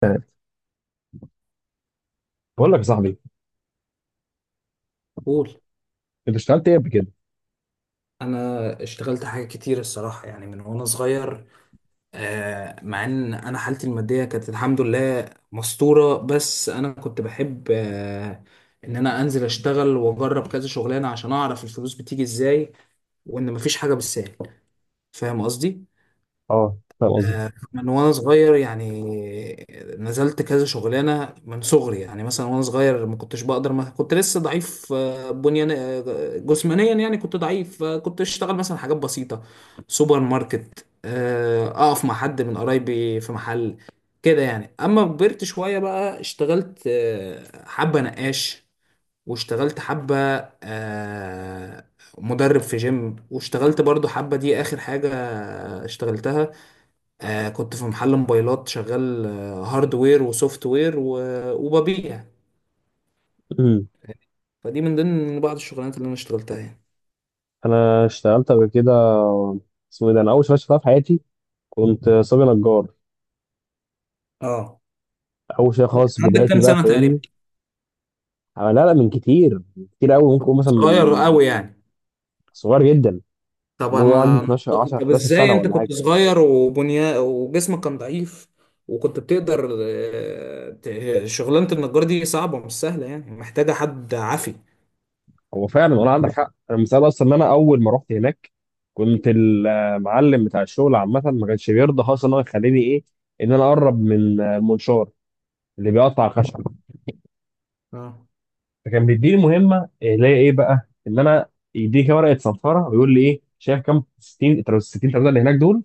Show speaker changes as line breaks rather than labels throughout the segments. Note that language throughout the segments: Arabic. تمام. بقول لك يا صاحبي،
قول.
انت اشتغلت ايه قبل كده؟
انا اشتغلت حاجات كتير الصراحه، يعني من وانا صغير. مع ان انا حالتي الماديه كانت الحمد لله مستوره، بس انا كنت بحب ان انا انزل اشتغل واجرب كذا شغلانه عشان اعرف الفلوس بتيجي ازاي، وان مفيش حاجه بالسهل. فاهم قصدي؟
اه فاهم قصدك.
من وانا صغير يعني. نزلت كذا شغلانه من صغري، يعني مثلا وانا صغير ما كنتش بقدر، ما كنت لسه ضعيف، بنيان جسمانيا، يعني كنت ضعيف. كنت اشتغل مثلا حاجات بسيطه، سوبر ماركت، اقف مع حد من قرايبي في محل كده يعني. اما كبرت شويه بقى اشتغلت حبه نقاش، واشتغلت حبه، آه، مدرب في جيم، واشتغلت برضو حبه، دي اخر حاجه اشتغلتها. آه كنت في محل موبايلات، شغال هاردوير وسوفت وير وببيع.
أمم.
فدي من ضمن بعض الشغلانات اللي انا اشتغلتها يعني.
انا اشتغلت قبل كده. اسمه ايه ده، انا اول شغل اشتغلتها في حياتي كنت صبي نجار.
اه،
اول شيء
ده كان
خالص
عندك
بدايتي،
كام
بقى
سنة تقريبا؟
فاهمني؟ لا لا، من كتير قوي، ممكن
كنت
اقول مثلا
صغير
من
قوي يعني؟
صغير جدا،
طب
الموضوع عندي
انا،
12 10
طب
11
ازاي
سنه
انت
ولا
كنت
حاجه.
صغير وبنيا وجسمك كان ضعيف وكنت بتقدر؟ شغلانة النجار دي صعبة، مش سهلة، يعني محتاجة حد عافي.
هو فعلا والله عندك حق، انا مثال اصلا، ان انا اول ما رحت هناك كنت المعلم بتاع الشغل عامه ما كانش بيرضى خالص ان هو يخليني ايه، ان انا اقرب من المنشار اللي بيقطع خشب.
اه.
فكان بيديني مهمه اللي هي ايه بقى، ان انا يديك ورقه صنفره ويقول لي ايه، شايف كام؟ 60 60 ترابيزه اللي هناك دول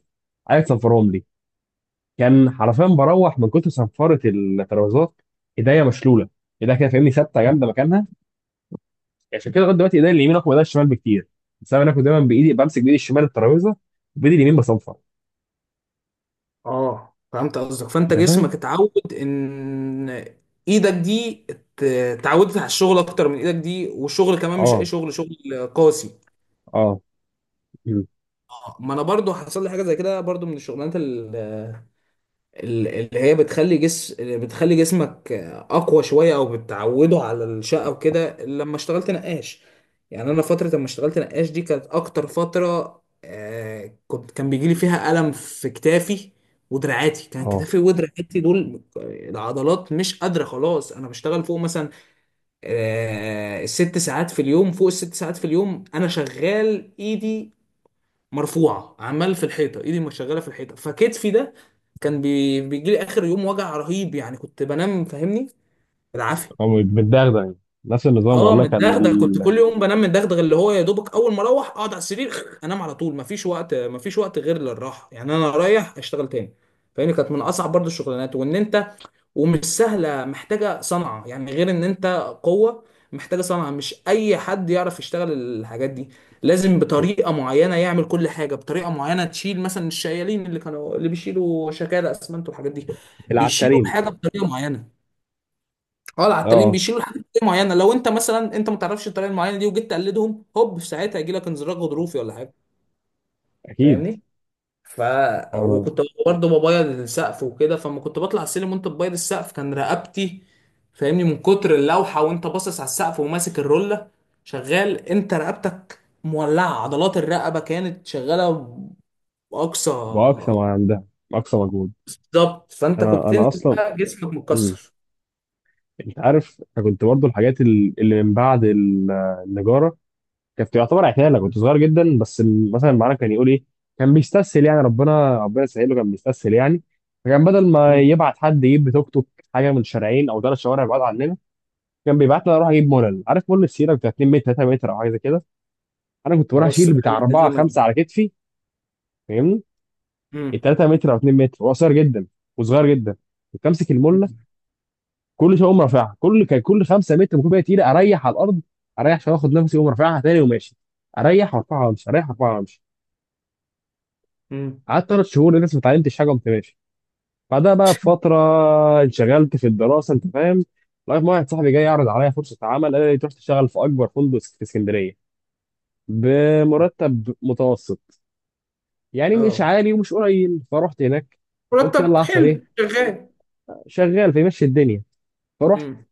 عايز تصنفرهم لي. كان حرفيا بروح من كتر صنفره الترابيزات ايديا مشلوله، ايديا كده فاهمني، ثابته جامده مكانها. يعني عشان كده لغايه دلوقتي ايدي اليمين اقوى من ايدي الشمال بكتير، بس انا كنت دايما بايدي بمسك بايدي الشمال الترابيزه وبايدي اليمين بصنفر.
اه فهمت قصدك، فانت
انت فاهم؟
جسمك اتعود ان ايدك دي اتعودت على الشغل اكتر من ايدك دي، والشغل كمان مش اي
اه.
شغل، شغل قاسي.
اه. مم.
ما انا برضو حصل لي حاجه زي كده برضو، من الشغلانات اللي هي بتخلي جسمك اقوى شويه، او بتعوده على الشقه وكده. لما اشتغلت نقاش، يعني انا فتره لما اشتغلت نقاش دي كانت اكتر فتره آه، كنت كان بيجي لي فيها الم في كتافي ودراعاتي، كان
اه.
كتافي ودراعاتي دول العضلات مش قادره خلاص. انا بشتغل فوق مثلا الست ساعات في اليوم، فوق الست ساعات في اليوم انا شغال ايدي مرفوعه، عمال في الحيطه، ايدي مش شغاله في الحيطه، فكتفي ده كان بيجي لي اخر يوم وجع رهيب، يعني كنت بنام، فاهمني، بالعافيه.
اه متدغدغ يعني، نفس النظام
اه
والله.
متدغدغ، كنت كل يوم بنام متدغدغ، اللي هو يا دوبك اول ما اروح اقعد على السرير انام على طول، مفيش وقت، مفيش وقت غير للراحه، يعني انا رايح اشتغل تاني. فاهمني؟ كانت من اصعب برضو الشغلانات، وان انت ومش سهلة، محتاجة صنعة يعني، غير ان انت قوة، محتاجة صنعة، مش اي حد يعرف يشتغل الحاجات دي، لازم بطريقة معينة يعمل كل حاجة بطريقة معينة. تشيل مثلا الشيالين اللي كانوا اللي بيشيلوا شكالة اسمنت والحاجات دي، بيشيلوا
العتارين.
الحاجة بطريقة معينة. اه العتالين
اه
بيشيلوا الحاجة بطريقة معينة، لو انت مثلا انت ما تعرفش الطريقة المعينة دي وجيت تقلدهم، هوب في ساعتها يجي لك انزلاق غضروفي ولا حاجة.
اكيد.
فاهمني؟ ف...
انا
وكنت برضه ببيض السقف وكده، فما كنت بطلع على السلم وانت بتبيض السقف كان رقبتي، فاهمني، من كتر اللوحه وانت باصص على السقف وماسك الروله شغال، انت رقبتك مولعه، عضلات الرقبه كانت شغاله باقصى.
باقصى ما عندها، اقصى مجهود.
بالظبط، فانت
انا
كنت
انا
تنزل
اصلا،
بقى جسمك
مم.
متكسر.
انت عارف، انا كنت برضو الحاجات اللي من بعد النجاره كانت يعتبر عتاله. كنت صغير جدا، بس مثلا معانا كان يقول ايه، كان بيستسهل يعني، ربنا ربنا يسهل له، كان بيستسهل يعني. فكان بدل ما
مم.
يبعت حد يجيب توك توك حاجه من شارعين او ثلاث شوارع بعاد عننا، كان بيبعت لي اروح اجيب مولل، عارف مول السيره بتاع 2 متر 3 متر او حاجه زي كده؟ انا كنت بروح
بس
اشيل بتاع 4
القديمه دي.
5 على كتفي، فاهمني؟ ال
مم.
3 متر او 2 متر، هو قصير جدا وصغير جدا، كنت امسك المله
مم.
كل شويه اقوم رافعها. كل 5 متر بكون بقى تقيله، اريح على الارض، اريح شويه، اخد نفسي، اقوم رافعها تاني وماشي، اريح وارفعها وامشي، اريح وارفعها وامشي.
مم.
قعدت ثلاث شهور لسه ما اتعلمتش حاجه وقمت ماشي. بعدها بقى بفتره انشغلت في الدراسه انت فاهم، لغايه ما واحد صاحبي جاي يعرض عليا فرصه عمل، قال لي تروح تشتغل في اكبر فندق في اسكندريه بمرتب متوسط، يعني مش
اه،
عالي ومش قليل. فرحت هناك، قلت
مرتب
يلا احسن
حلو
ايه،
شغال.
شغال فيمشي الدنيا. فرحت،
مم.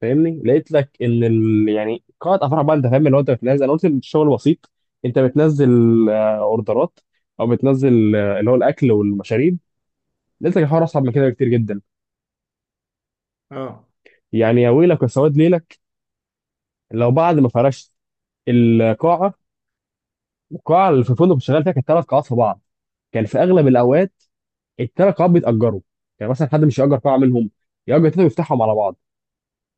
فاهمني؟ لقيت لك ان ال... يعني قاعه افراح بقى انت فاهم، اللي هو انت بتنزل، انا قلت الشغل بسيط، انت بتنزل اوردرات او بتنزل اللي هو الاكل والمشاريب. لقيت لك الحوار اصعب من كده بكتير جدا،
اه،
يعني يا ويلك يا سواد ليلك لو بعد ما فرشت القاعه. القاعه اللي في الفندق اللي شغال فيها كانت ثلاث قاعات في بعض، كان في اغلب الاوقات الثلاث قاعات بيتاجروا، يعني مثلا حد مش ياجر قاعه منهم، ياجر تلاته ويفتحهم على بعض.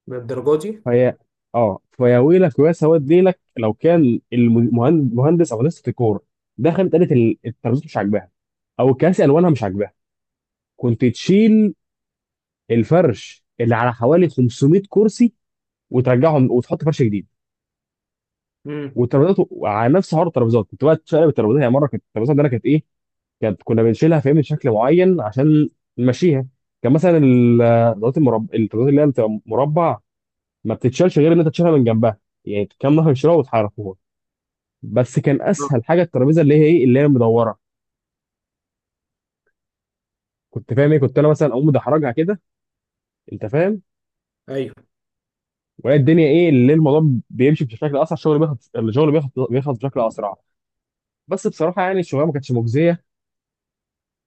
للدرجه دي.
فهي، اه، فيا ويلك ويا سواد ليلك لو كان المهندس او هندسه الديكور دخلت قالت الترابيزات مش عاجباها او الكراسي الوانها مش عاجباها، كنت تشيل الفرش اللي على حوالي 500 كرسي وترجعهم وتحط فرش جديد.
مم.
والترابيزات على نفس حوار الترابيزات، كنت بقى تشقلب الترابيزات. يعني مره كانت الترابيزات عندنا كانت ايه، كانت كنا بنشيلها فاهمني بشكل معين عشان نمشيها. كان مثلا الترابيزات المربع، الترابيزات اللي هي بتبقى مربع، ما بتتشالش غير ان انت تشيلها من جنبها، يعني كام نفر يشيلوها وتحركوها. بس كان اسهل
اه.
حاجه الترابيزه اللي هي ايه، اللي هي مدوره، كنت فاهم ايه، كنت انا مثلا اقوم مدحرجها كده، انت فاهم؟
ايوه.
وهي الدنيا ايه، اللي الموضوع بيمشي بشكل اسرع، الشغل بياخد بيخلص بشكل اسرع. بس بصراحه يعني الشغلانه ما كانتش مجزيه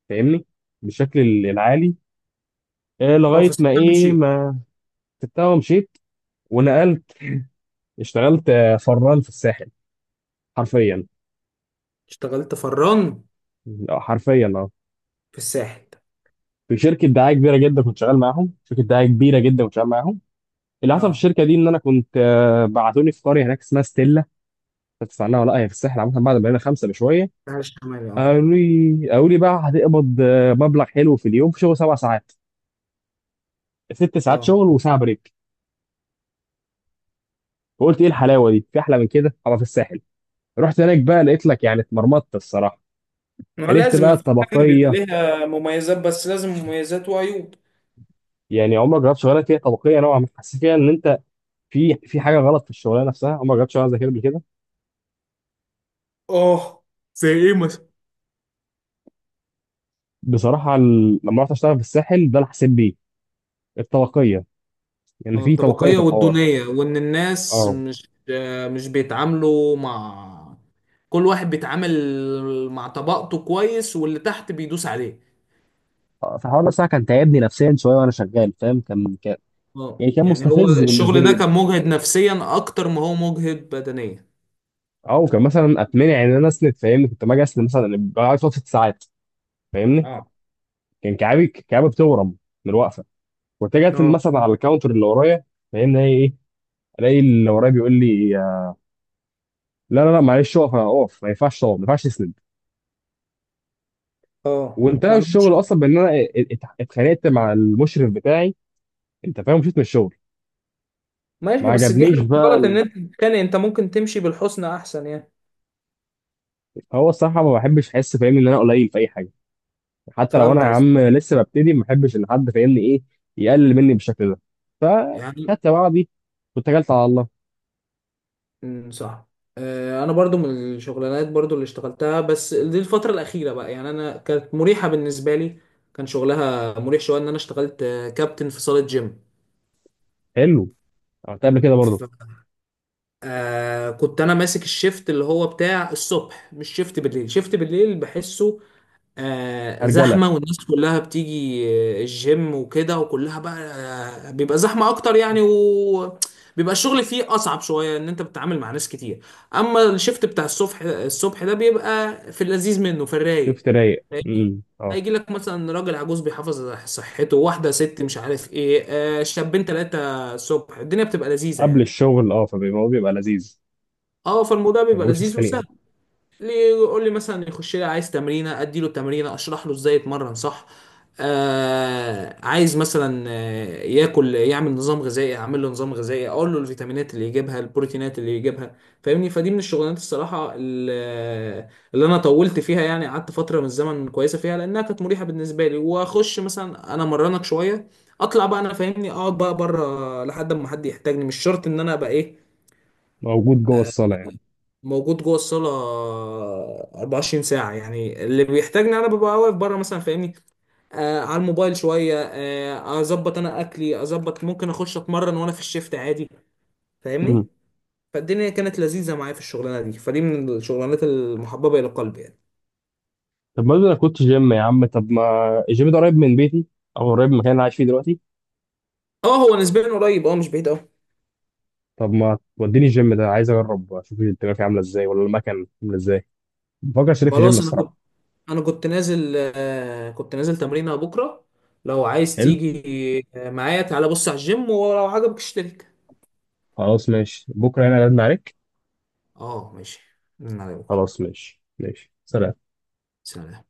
فاهمني، بالشكل العالي. آه،
اه
لغايه ما
فسبتها
ايه
ومشيت.
ما سبتها ومشيت، ونقلت. اشتغلت فران في الساحل، حرفيا.
اشتغلت فران
حرفيا اه.
في الساحل.
في شركه دعايه كبيره جدا كنت شغال معاهم، شركه دعايه كبيره جدا كنت شغال معاهم. اللي حصل في
اه،
الشركه دي ان انا كنت بعتوني في قريه هناك اسمها ستيلا، تسمع عنها ولا لا؟ هي في الساحل عامه. بعد ما بقينا خمسه بشويه
الساحل الشمالي، اه.
قالوا لي، بقى هتقبض مبلغ حلو في اليوم في شغل سبع ساعات، ست ساعات
اه،
شغل وساعه بريك. فقلت ايه الحلاوه دي، في احلى من كده ابقى في الساحل؟ رحت هناك بقى لقيت لك يعني اتمرمطت الصراحه.
ما
عرفت
لازم،
بقى
ما في حاجة بيبقى
الطبقيه.
ليها مميزات بس، لازم مميزات وعيوب.
يعني عمرك جربت شغلانه فيها طبقيه نوعا ما، حسيت فيها ان انت في حاجه غلط في الشغلانه نفسها؟ عمرك جربت شغلانه زي كده قبل كده؟
اه، زي ايه مثلا؟
بصراحه لما رحت اشتغل في الساحل ده، اللي حسيت بيه الطبقيه. يعني
اه،
في طبقيه
الطبقية
في الحوار،
والدونية، وان الناس
اه.
مش مش بيتعاملوا مع، كل واحد بيتعامل مع طبقته كويس، واللي تحت بيدوس عليه.
فالحوار ده بصراحه كان تعبني نفسيا شويه وانا شغال فاهم، كان
اه،
يعني، كان
يعني هو
مستفز بالنسبه
الشغل
لي
ده كان
جدا.
مجهد نفسيا اكتر ما هو مجهد بدنيا.
او كان مثلا اتمنع ان انا اسند، فاهمني؟ كنت لما اجي اسند مثلا بقعد فتره ست ساعات، فاهمني؟
اه.
كان كعابي بتورم من الوقفه. كنت اجي أسند
اه.
مثلا على الكاونتر اللي ورايا، فاهمني؟ هي ايه، الاقي اللي ورايا بيقول لي لا لا لا معلش اقف، انا اقف، ما ينفعش اقف، ما ينفعش اسند.
اه، ما
وانتهى
عندهمش.
الشغل اصلا بان انا اتخانقت مع المشرف بتاعي، انت فاهم، مشيت من الشغل. ما
ماشي، بس دي
عجبنيش
حاجة
بقى
غلط ان انت تتخانق، انت ممكن تمشي بالحسنى احسن يعني.
هو الصراحه ما بحبش احس فاهمني ان انا قليل في اي حاجه، حتى لو انا
فهمت
يا
قصدي؟
عم لسه ببتدي ما بحبش ان حد فاهمني ايه، يقلل مني بالشكل ده.
يعني.
فخدت بعضي واتكلت على الله.
أمم، صح. انا برضو من الشغلانات برضو اللي اشتغلتها، بس دي الفترة الأخيرة بقى، يعني انا كانت مريحة بالنسبة لي، كان شغلها مريح شوية. ان انا اشتغلت كابتن في صالة جيم.
حلو، عملت قبل كده برضه.
ف... آه كنت انا ماسك الشيفت اللي هو بتاع الصبح، مش شيفت بالليل، شيفت بالليل بحسه
هرجله.
زحمة، والناس كلها بتيجي الجيم وكده، وكلها بقى بيبقى زحمة أكتر يعني، وبيبقى الشغل فيه أصعب شوية، إن أنت بتتعامل مع ناس كتير. أما الشيفت بتاع الصبح، الصبح ده بيبقى في اللذيذ منه، في الرايق.
شفت، رايق.
فاهمني؟
اه.
هيجي لك مثلا راجل عجوز بيحافظ على صحته، واحدة ست مش عارف إيه، شابين تلاتة. الصبح الدنيا بتبقى لذيذة
قبل
يعني.
الشغل اه، فبيبقى، هو بيبقى لذيذ،
أه، فالموضوع
ما
بيبقى
بيبقوش
لذيذ وسهل.
خنيقه.
ليه؟ يقول لي مثلا يخش لي عايز تمرينه، ادي له تمرينه اشرح له ازاي يتمرن صح. آه عايز مثلا ياكل يعمل نظام غذائي، اعمل له نظام غذائي، اقول له الفيتامينات اللي يجيبها، البروتينات اللي يجيبها. فاهمني؟ فدي من الشغلانات الصراحه اللي انا طولت فيها، يعني قعدت فتره من الزمن كويسه فيها، لانها كانت مريحه بالنسبه لي. واخش مثلا انا مرنك شويه، اطلع بقى انا فاهمني، اقعد بقى بره لحد ما حد يحتاجني، مش شرط ان انا ابقى ايه
موجود جوه الصاله يعني.
موجود جوه الصاله 24 ساعه، يعني اللي بيحتاجني انا ببقى واقف بره مثلا، فاهمني، آه على الموبايل شويه، آه اظبط انا اكلي، اظبط ممكن اخش اتمرن وانا في الشيفت عادي. فاهمني؟ فالدنيا كانت لذيذه معايا في الشغلانه دي، فدي من الشغلانات المحببه الى قلبي يعني.
طب ما انا كنت جيم يا عم، طب ما الجيم ده قريب من بيتي او قريب من المكان اللي أنا عايش فيه دلوقتي.
اه هو نسبيا قريب، اه مش بعيد قوي.
طب ما توديني الجيم ده، عايز اجرب اشوف الدنيا فيه عامله ازاي ولا المكان عامله ازاي. بفكر اشترك في جيم
خلاص،
الصراحه.
انا كنت نازل، آه كنت نازل تمرينه بكره، لو عايز
حلو،
تيجي معايا تعالى بص على الجيم، ولو عجبك اشترك.
خلاص ماشي، بكره هنا لازم عليك.
اه ماشي، من على بكره.
خلاص ماشي، ماشي، سلام.
سلام.